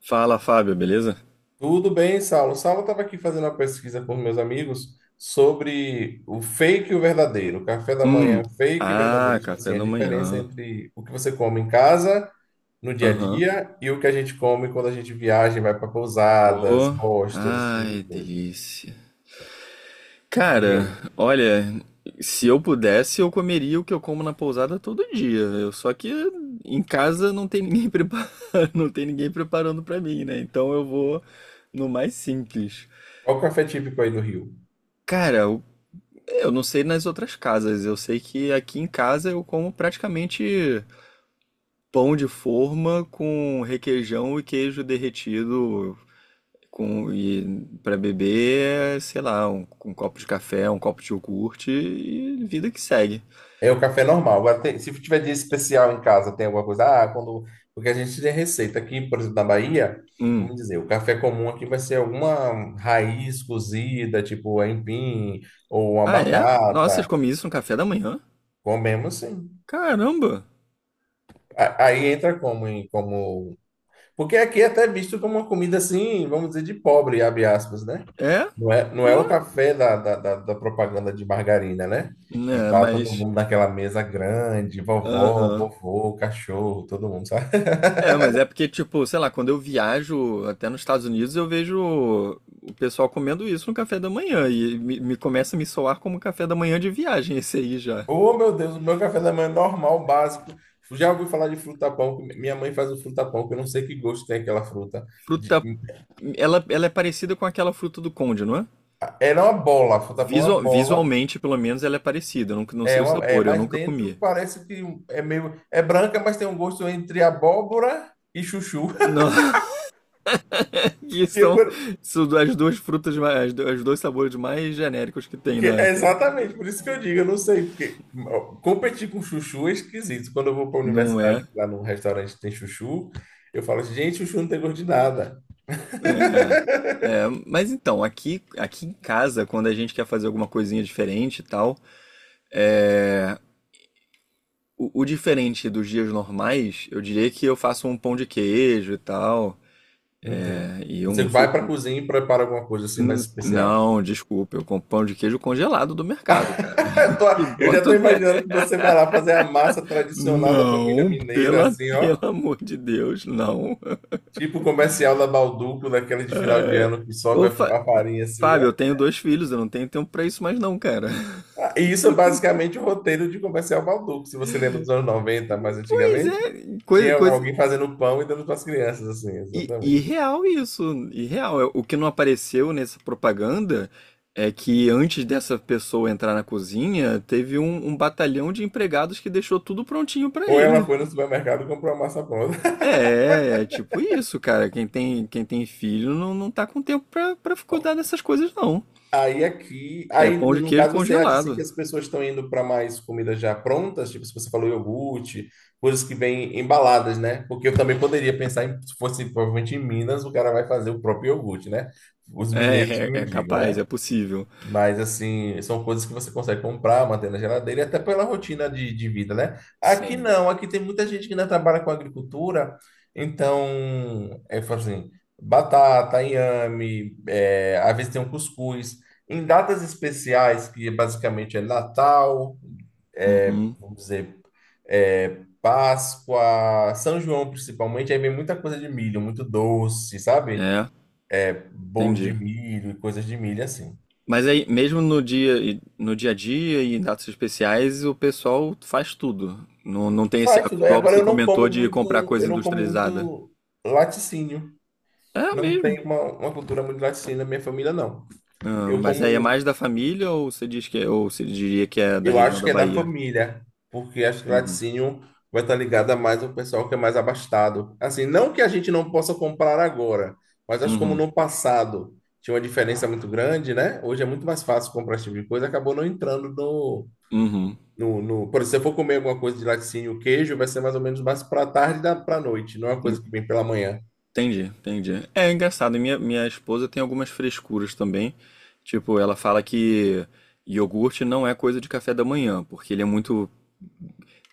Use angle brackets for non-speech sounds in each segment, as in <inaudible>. Fala, Fábio, beleza? Tudo bem, Saulo. Saulo estava aqui fazendo uma pesquisa com meus amigos sobre o fake e o verdadeiro. O café da manhã, Hum. é fake e verdadeiro. Ah, Tipo café assim, a da diferença manhã. entre o que você come em casa, no dia a Aham. dia, e o que a gente come quando a gente viaja, e vai para pousadas, Oh. hostels, esse tipo Ai, de coisa. delícia. Diga Cara, aí. olha, se eu pudesse, eu comeria o que eu como na pousada todo dia. Só que em casa não tem ninguém <laughs> preparando, não tem ninguém preparando pra mim, né? Então eu vou no mais simples. Qual o café típico aí do Rio? Cara, eu não sei nas outras casas. Eu sei que aqui em casa eu como praticamente pão de forma com requeijão e queijo derretido com e para beber, sei lá, um copo de café, um copo de iogurte e vida que segue. É o café normal. Agora, se tiver dia especial em casa, tem alguma coisa. Ah, quando. Porque a gente tem receita aqui, por exemplo, na Bahia, Hum. vamos dizer, o café comum aqui vai ser alguma raiz cozida, tipo aipim, ou uma Ah, é? Nossa, vocês batata. comem isso no café da manhã? Comemos sim. Caramba! Aí entra como, como. Porque aqui é até visto como uma comida assim, vamos dizer, de pobre, abre aspas, né? É? Não é o Pô. café da propaganda de margarina, né? Que É, tá todo mas. mundo naquela mesa grande, vovó, Aham. vovô, cachorro, todo mundo, sabe? <laughs> É, mas é porque, tipo, sei lá, quando eu viajo até nos Estados Unidos, eu vejo o pessoal comendo isso no café da manhã. E me começa a me soar como café da manhã de viagem <laughs> esse aí já. Oh, meu Deus, o meu café da manhã é normal, básico. Já ouvi falar de fruta-pão, que minha mãe faz o fruta-pão, que eu não sei que gosto tem aquela fruta. De- Fruta. Ela é parecida com aquela fruta do conde, não é? Era uma bola, fruta-pão é uma bola, Visualmente, pelo menos, ela é parecida. Eu não, não sei o sabor, eu mas nunca dentro comi. parece que é branca, mas tem um gosto entre abóbora e chuchu. <laughs> Não, <laughs> que Que é são, por- são as duas frutas, mais, os dois sabores mais genéricos que tem Que- na. é exatamente, por isso que eu digo, eu não sei, porque ó, competir com chuchu é esquisito. Quando eu vou para a Não universidade, é? lá num restaurante tem chuchu, eu falo assim, gente, chuchu não tem gosto de nada. É. É, mas então, aqui em casa, quando a gente quer fazer alguma coisinha diferente e tal, é, o diferente dos dias normais, eu diria que eu faço um pão de queijo e tal, Entendo. é, e Você vai para a cozinha e prepara alguma coisa assim mais especial. não, desculpa, eu compro pão de queijo congelado do mercado, cara. <laughs> Eu tô- <laughs> E eu já boto estou na... imaginando que você vai lá fazer a massa tradicional da família Não, mineira, assim, pelo ó. amor de Deus, não. Tipo o comercial da Balduco, daquele de final de É, ano que sobe Ô, a, Fa- a farinha assim, Fábio, ó. eu tenho dois filhos, eu não tenho tempo pra isso mais não, cara. Ah, e isso é basicamente o roteiro de comercial Balduco, se você lembra dos anos 90, mais Pois antigamente. é, Tinha coisa... alguém fazendo pão e dando para as crianças, assim, exatamente. Irreal isso, irreal. O que não apareceu nessa propaganda é que antes dessa pessoa entrar na cozinha, teve um batalhão de empregados que deixou tudo prontinho pra Ou ela ele. foi no supermercado e comprou a massa pronta. <laughs> É, é tipo isso, cara. Quem tem filho não tá com tempo pra cuidar dessas coisas, não. Aí aqui, É aí pão no de no queijo caso você acha assim, que congelado. as pessoas estão indo para mais comidas já prontas, tipo se você falou iogurte, coisas que vêm embaladas, né? Porque eu também poderia pensar em, se fosse provavelmente em Minas, o cara vai fazer o próprio iogurte, né? Os É, mineiros que me é digam, capaz, é né? possível. Mas, assim, são coisas que você consegue comprar, manter na geladeira, e até pela rotina de vida, né? Aqui Sim. não, aqui tem muita gente que ainda trabalha com agricultura, então, fala assim, batata, inhame, às vezes tem um cuscuz. Em datas especiais, que é basicamente Natal, Uhum. vamos dizer, Páscoa, São João principalmente, aí vem muita coisa de milho, muito doce, sabe? É, Bolo de entendi. milho e coisas de milho, assim. Mas aí, mesmo no dia, no dia a dia e em datas especiais, o pessoal faz tudo. Não, não tem esse Faz hábito, tudo. Aí igual agora você comentou, de comprar coisa eu não como industrializada. muito laticínio. É Não mesmo. tem uma cultura muito laticínio na minha família, não. Ah, Eu mas aí é como, mais da família ou você diria que é da eu região acho da que é da Bahia? família, porque acho que Uhum. laticínio vai estar ligado a mais o pessoal que é mais abastado. Assim, não que a gente não possa comprar agora, mas acho que como Uhum. no passado tinha uma diferença muito grande, né? Hoje é muito mais fácil comprar esse tipo de coisa, acabou não entrando no, Uhum. no, no... Por exemplo, se eu for comer alguma coisa de laticínio, queijo, vai ser mais ou menos mais para tarde da para noite, não é uma coisa que vem pela manhã. Entendi, entendi. É engraçado, minha esposa tem algumas frescuras também. Tipo, ela fala que iogurte não é coisa de café da manhã, porque ele é muito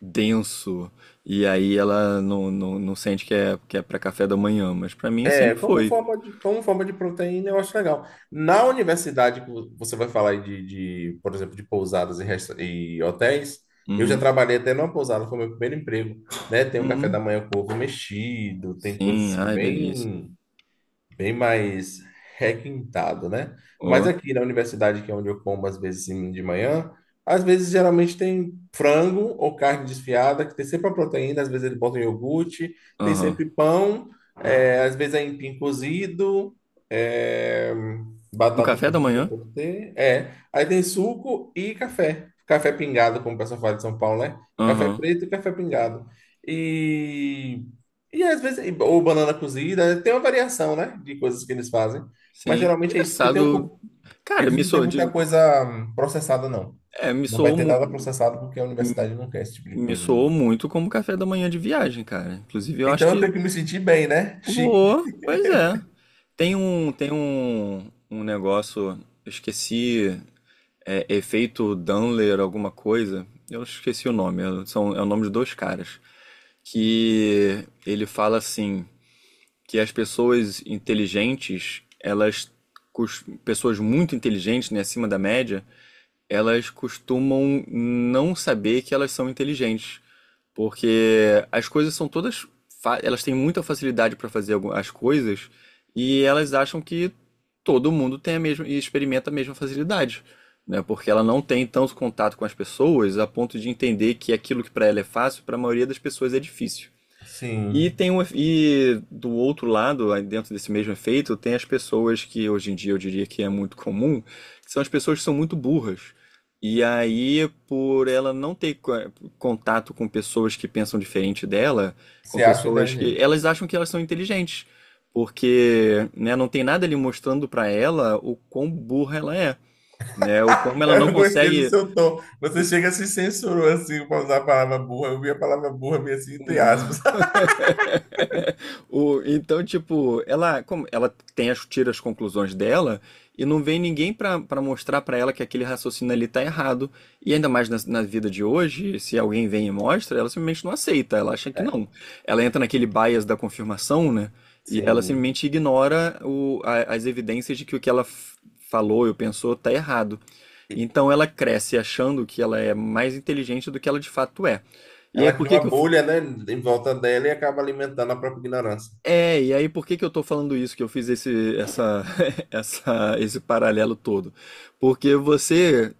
denso. E aí ela não sente que é para café da manhã. Mas pra mim sempre Como foi. forma de proteína, eu acho legal. Na universidade, que você vai falar aí de, por exemplo, de pousadas e, e hotéis, eu já Uhum. trabalhei até numa pousada, foi meu primeiro emprego, né? Tem o café Uhum. da manhã com ovo mexido, tem coisas Sim, assim ai, delícia. bem mais requintado, né? Mas Oh, aqui na universidade, que é onde eu como às vezes de manhã, às vezes geralmente tem frango ou carne desfiada, que tem sempre a proteína, às vezes eles botam iogurte, tem aham. sempre pão, às vezes é empim cozido, é, No batata café da cozida manhã? pode ter. Aí tem suco e café. Café pingado, como o pessoal fala de São Paulo, né? Café Aham. preto e café pingado. E e às vezes, ou banana cozida, tem uma variação, né, de coisas que eles fazem. Mas Sim. geralmente é isso, porque Engraçado. Cara, eles me não têm soou muita de, coisa processada, não. é, me Não vai soou, ter nada mu- processado porque a universidade não quer esse tipo de Me coisa. soou muito como café da manhã de viagem, cara. Inclusive, eu acho Então eu que tenho que me sentir bem, né? Chique. boa, pois é. Um negócio, eu esqueci, efeito Dunler, alguma coisa. Eu esqueci o nome, é o nome de dois caras. Que ele fala assim, que as pessoas inteligentes, elas, pessoas muito inteligentes, né, acima da média, elas costumam não saber que elas são inteligentes. Porque as coisas são todas. Elas têm muita facilidade para as coisas e elas acham que todo mundo tem a mesma e experimenta a mesma facilidade, né? Porque ela não tem tanto contato com as pessoas a ponto de entender que aquilo que para ela é fácil, para a maioria das pessoas é difícil. E Sim, tem um, e do outro lado, aí dentro desse mesmo efeito, tem as pessoas que hoje em dia eu diria que é muito comum, que são as pessoas que são muito burras. E aí, por ela não ter contato com pessoas que pensam diferente dela, com se acha pessoas que inteligente. elas acham que elas são inteligentes, porque, né, não tem nada ali mostrando pra ela o quão burra ela é, né, o como <laughs> ela não Eu gostei do consegue, seu tom. Você o, chega se censurou assim para usar a palavra burra. Eu vi a palavra burra meio assim, entre um aspas. <laughs> <laughs> Então, tipo, ela tem tira as conclusões dela e não vem ninguém pra pra mostrar pra ela que aquele raciocínio ali tá errado. E ainda mais na, na vida de hoje, se alguém vem e mostra, ela simplesmente não aceita, ela acha que É, não. Ela entra naquele bias da confirmação, né? E ela sim. simplesmente ignora as evidências de que o que falou ou pensou tá errado. Então ela cresce achando que ela é mais inteligente do que ela de fato é. E aí, Ela por cria que uma que eu, bolha, né, em volta dela e acaba alimentando a própria ignorância. É, e aí por que que eu tô falando isso, que eu fiz esse, essa, <laughs> esse paralelo todo? Porque você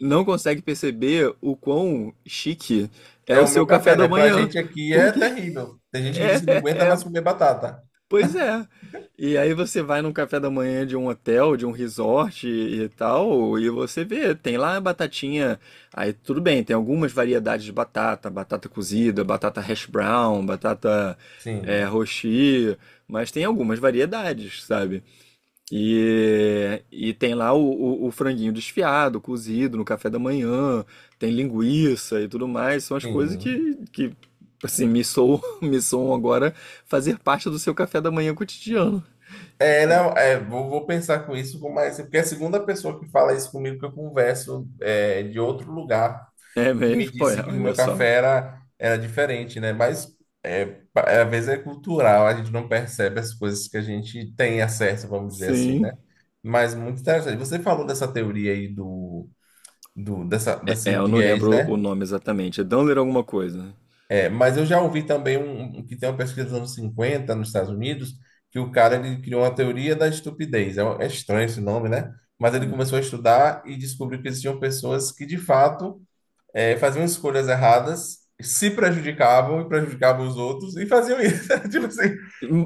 não consegue perceber o quão chique é É o o meu seu café café, né? da Pra manhã. gente aqui é Porque terrível. Tem gente que diz que não <laughs> aguenta é, mais comer batata. pois é. E aí você vai num café da manhã de um hotel, de um resort e tal, e você vê, tem lá a batatinha. Aí tudo bem, tem algumas variedades de batata, batata cozida, batata hash brown, batata é, Sim, rochi, mas tem algumas variedades, sabe? E tem lá o franguinho desfiado, cozido no café da manhã, tem linguiça e tudo mais. São as coisas sim. Que assim, me soam, <laughs> me soam agora fazer parte do seu café da manhã cotidiano. Não, vou pensar com isso, com mais, porque é a segunda pessoa que fala isso comigo que eu converso de outro lugar É e me mesmo? Pô, disse é, que o olha meu só. café era diferente, né? Mas é, às vezes é cultural, a gente não percebe as coisas que a gente tem acesso, vamos dizer assim, Sim. né? Mas muito interessante. Você falou dessa teoria aí desse Eu não viés, lembro o né? nome exatamente. É Dunler alguma coisa. Mas eu já ouvi também que tem uma pesquisa dos anos 50 nos Estados Unidos, que o cara ele criou uma teoria da estupidez. É estranho esse nome, né? Mas ele Hum. começou a estudar e descobriu que existiam pessoas que, de fato, faziam escolhas erradas, se prejudicavam e prejudicavam os outros e faziam isso. <laughs> Tipo assim,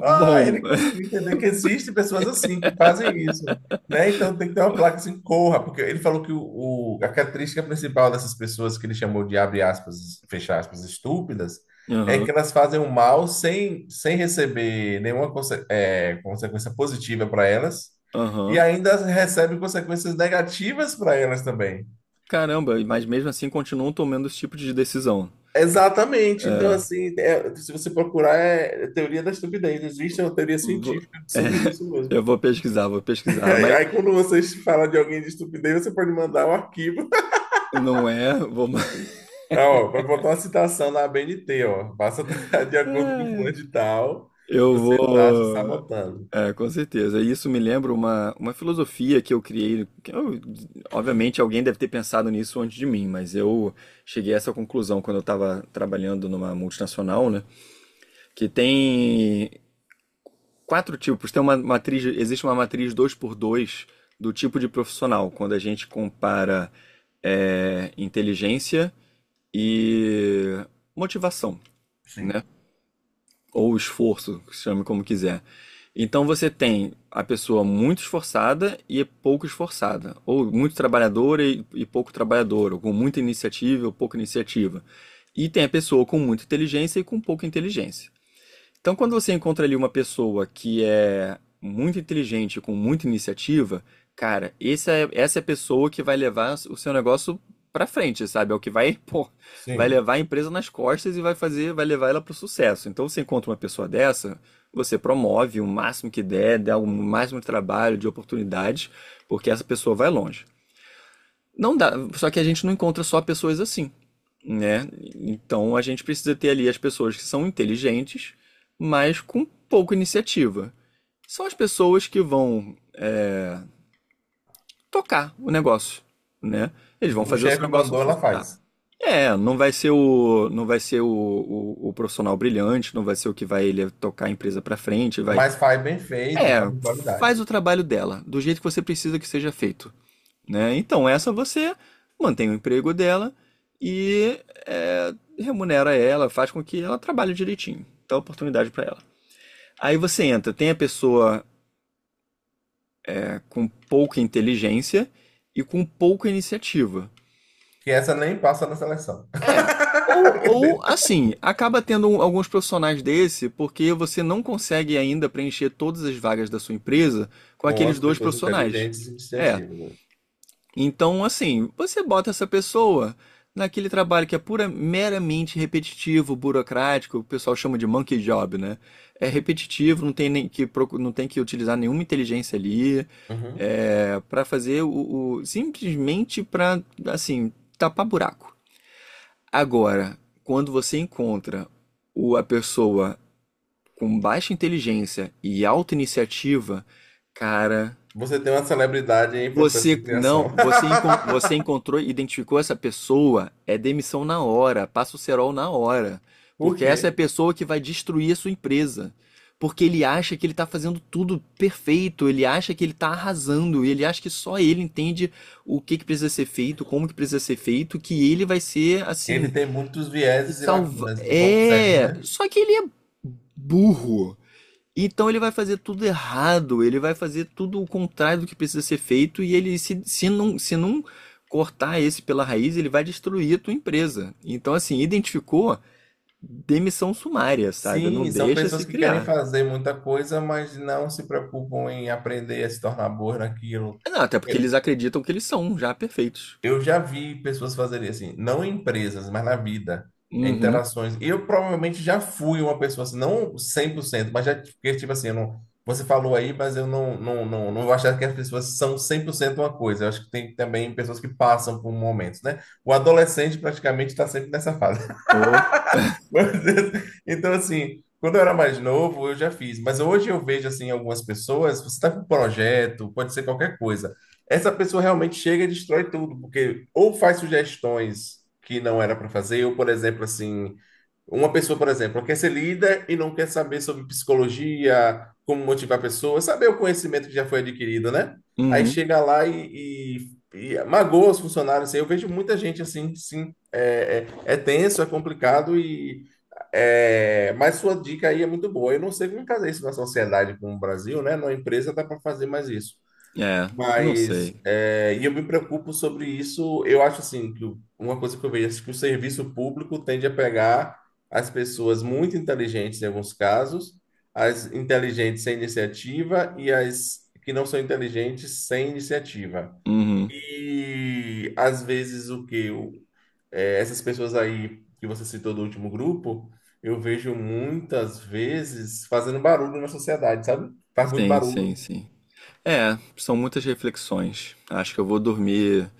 ah, Bom. ele <laughs> conseguiu entender que existe pessoas assim que fazem isso, né? Então tem que ter uma placa assim, corra, porque ele falou que a característica principal dessas pessoas que ele chamou de abre aspas, fecha aspas, estúpidas, é que Aham, elas fazem o mal sem receber nenhuma consequência positiva para elas. E aham. ainda recebem consequências negativas para elas também. Caramba, mas mesmo assim continuam tomando esse tipo de decisão. Exatamente. Então, É. assim, se você procurar, é teoria da estupidez. Existe uma teoria Vou- científica sobre isso mesmo. Eu vou pesquisar, vou <laughs> pesquisar. Aí, Mas aí quando você fala de alguém de estupidez, você pode mandar o arquivo. <laughs> não é, vou, <laughs> Ah, ó, vai botar uma citação na ABNT, ó. Passa <laughs> de acordo com o fulano de tal, eu você tá se vou. sabotando. É, com certeza. E isso me lembra uma filosofia que eu criei. Obviamente, alguém deve ter pensado nisso antes de mim, mas eu cheguei a essa conclusão quando eu estava trabalhando numa multinacional, né? Que tem quatro tipos. Tem uma matriz, existe uma matriz dois por dois do tipo de profissional, quando a gente compara inteligência e motivação. Né? Sim. Ou esforço, chame como quiser. Então você tem a pessoa muito esforçada e pouco esforçada, ou muito trabalhadora e pouco trabalhadora, ou com muita iniciativa ou pouca iniciativa. E tem a pessoa com muita inteligência e com pouca inteligência. Então, quando você encontra ali uma pessoa que é muito inteligente, com muita iniciativa, cara, essa é a pessoa que vai levar o seu negócio pra frente, sabe? É o que vai, <laughs> pô, vai Sim. levar a empresa nas costas e vai fazer, vai levar ela pro sucesso. Então, você encontra uma pessoa dessa, você promove o máximo que der, dá o máximo de trabalho, de oportunidades, porque essa pessoa vai longe. Não dá, só que a gente não encontra só pessoas assim né? Então a gente precisa ter ali as pessoas que são inteligentes, mas com pouca iniciativa. São as pessoas que vão tocar o negócio, né? Eles vão O fazer o seu chefe negócio mandou, ela funcionar. faz. É, não vai ser o profissional brilhante, não vai ser o que vai ele tocar a empresa pra frente, vai. Mas faz bem feito e faz É, com qualidade. faz o trabalho dela, do jeito que você precisa que seja feito. Né? Então, essa você mantém o emprego dela e é, remunera ela, faz com que ela trabalhe direitinho, dá oportunidade para ela. Aí você entra, tem a pessoa é, com pouca inteligência e com pouca iniciativa. Que essa nem passa na seleção. É, ou <laughs> assim, acaba tendo alguns profissionais desse porque você não consegue ainda preencher todas as vagas da sua empresa com Com aqueles as dois pessoas profissionais. inteligentes e É, iniciativas, né? então, assim, você bota essa pessoa naquele trabalho que é pura, meramente repetitivo, burocrático, o pessoal chama de monkey job, né? É repetitivo, não tem que utilizar nenhuma inteligência ali, Uhum. é, para fazer simplesmente para, assim, tapar buraco. Agora, quando você encontra a pessoa com baixa inteligência e alta iniciativa, cara, Você tem uma celebridade em processo você de não, criação. <laughs> você, encon- você encontrou, e identificou essa pessoa, é demissão na hora, passa o cerol na hora, Por porque quê? essa é a pessoa que vai destruir a sua empresa, porque ele acha que ele está fazendo tudo perfeito, ele acha que ele está arrasando, ele acha que só ele entende o que que precisa ser feito, como que precisa ser feito, que ele vai ser Ele assim tem muitos e vieses e salva. lacunas e pontos cegos, É, né? só que ele é burro. Então ele vai fazer tudo errado, ele vai fazer tudo o contrário do que precisa ser feito e ele se, se não cortar esse pela raiz, ele vai destruir a tua empresa. Então assim, identificou demissão sumária, sabe? Não Sim, são deixa se pessoas que querem criar. fazer muita coisa, mas não se preocupam em aprender a se tornar boa naquilo. Não, até porque eles acreditam que eles são já perfeitos. Eu já vi pessoas fazerem assim, não em empresas, mas na vida, em Uhum. interações. Eu provavelmente já fui uma pessoa assim, não 100%, mas já, porque, tipo assim, eu não, você falou aí, mas eu não vou achar que as pessoas são 100% uma coisa. Eu acho que tem também pessoas que passam por momentos, né? O adolescente praticamente está sempre nessa fase. Oh. Mas, <laughs> então, assim, quando eu era mais novo, eu já fiz. Mas hoje eu vejo, assim, algumas pessoas, você está com um projeto, pode ser qualquer coisa. Essa pessoa realmente chega e destrói tudo, porque ou faz sugestões que não era para fazer, ou, por exemplo, assim, uma pessoa, por exemplo, quer ser líder e não quer saber sobre psicologia, como motivar pessoas, saber o conhecimento que já foi adquirido, né? Aí Uhum. chega lá e magoa os funcionários. Assim. Eu vejo muita gente assim, sim, é tenso, é complicado e mas sua dica aí é muito boa. Eu não sei como fazer isso na sociedade como o Brasil, né? Na empresa dá para fazer mais isso. É, não Mas, sei. E eu me preocupo sobre isso. Eu acho assim que uma coisa que eu vejo é que o serviço público tende a pegar as pessoas muito inteligentes em alguns casos, as inteligentes sem iniciativa e as que não são inteligentes sem iniciativa. Uhum. E às vezes o que eu, eh, essas pessoas aí que você citou do último grupo, eu vejo muitas vezes fazendo barulho na sociedade, sabe? Faz muito Sim, sim, barulho. sim. É, são muitas reflexões. Acho que eu vou dormir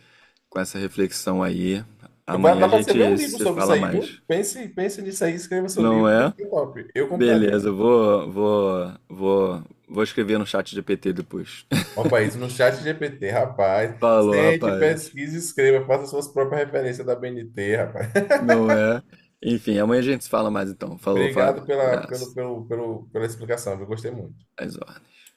com essa reflexão aí. Vai Amanhã a dar para você ver um gente livro se sobre isso fala aí, viu? mais. Pense, pense nisso aí, escreva seu Não livro, que é? fica top. Eu compraria. Beleza, vou escrever no chat GPT depois. Opa, isso no chat GPT, rapaz. <laughs> Falou, Sente, rapaz. pesquise, escreva, faça suas próprias referências da BNT, rapaz. Não é? Enfim, amanhã a gente se fala mais então. Falou, Fábio. Obrigado pela, pelo, Abraço. pelo, pelo, pela explicação, eu gostei muito. Às ordens.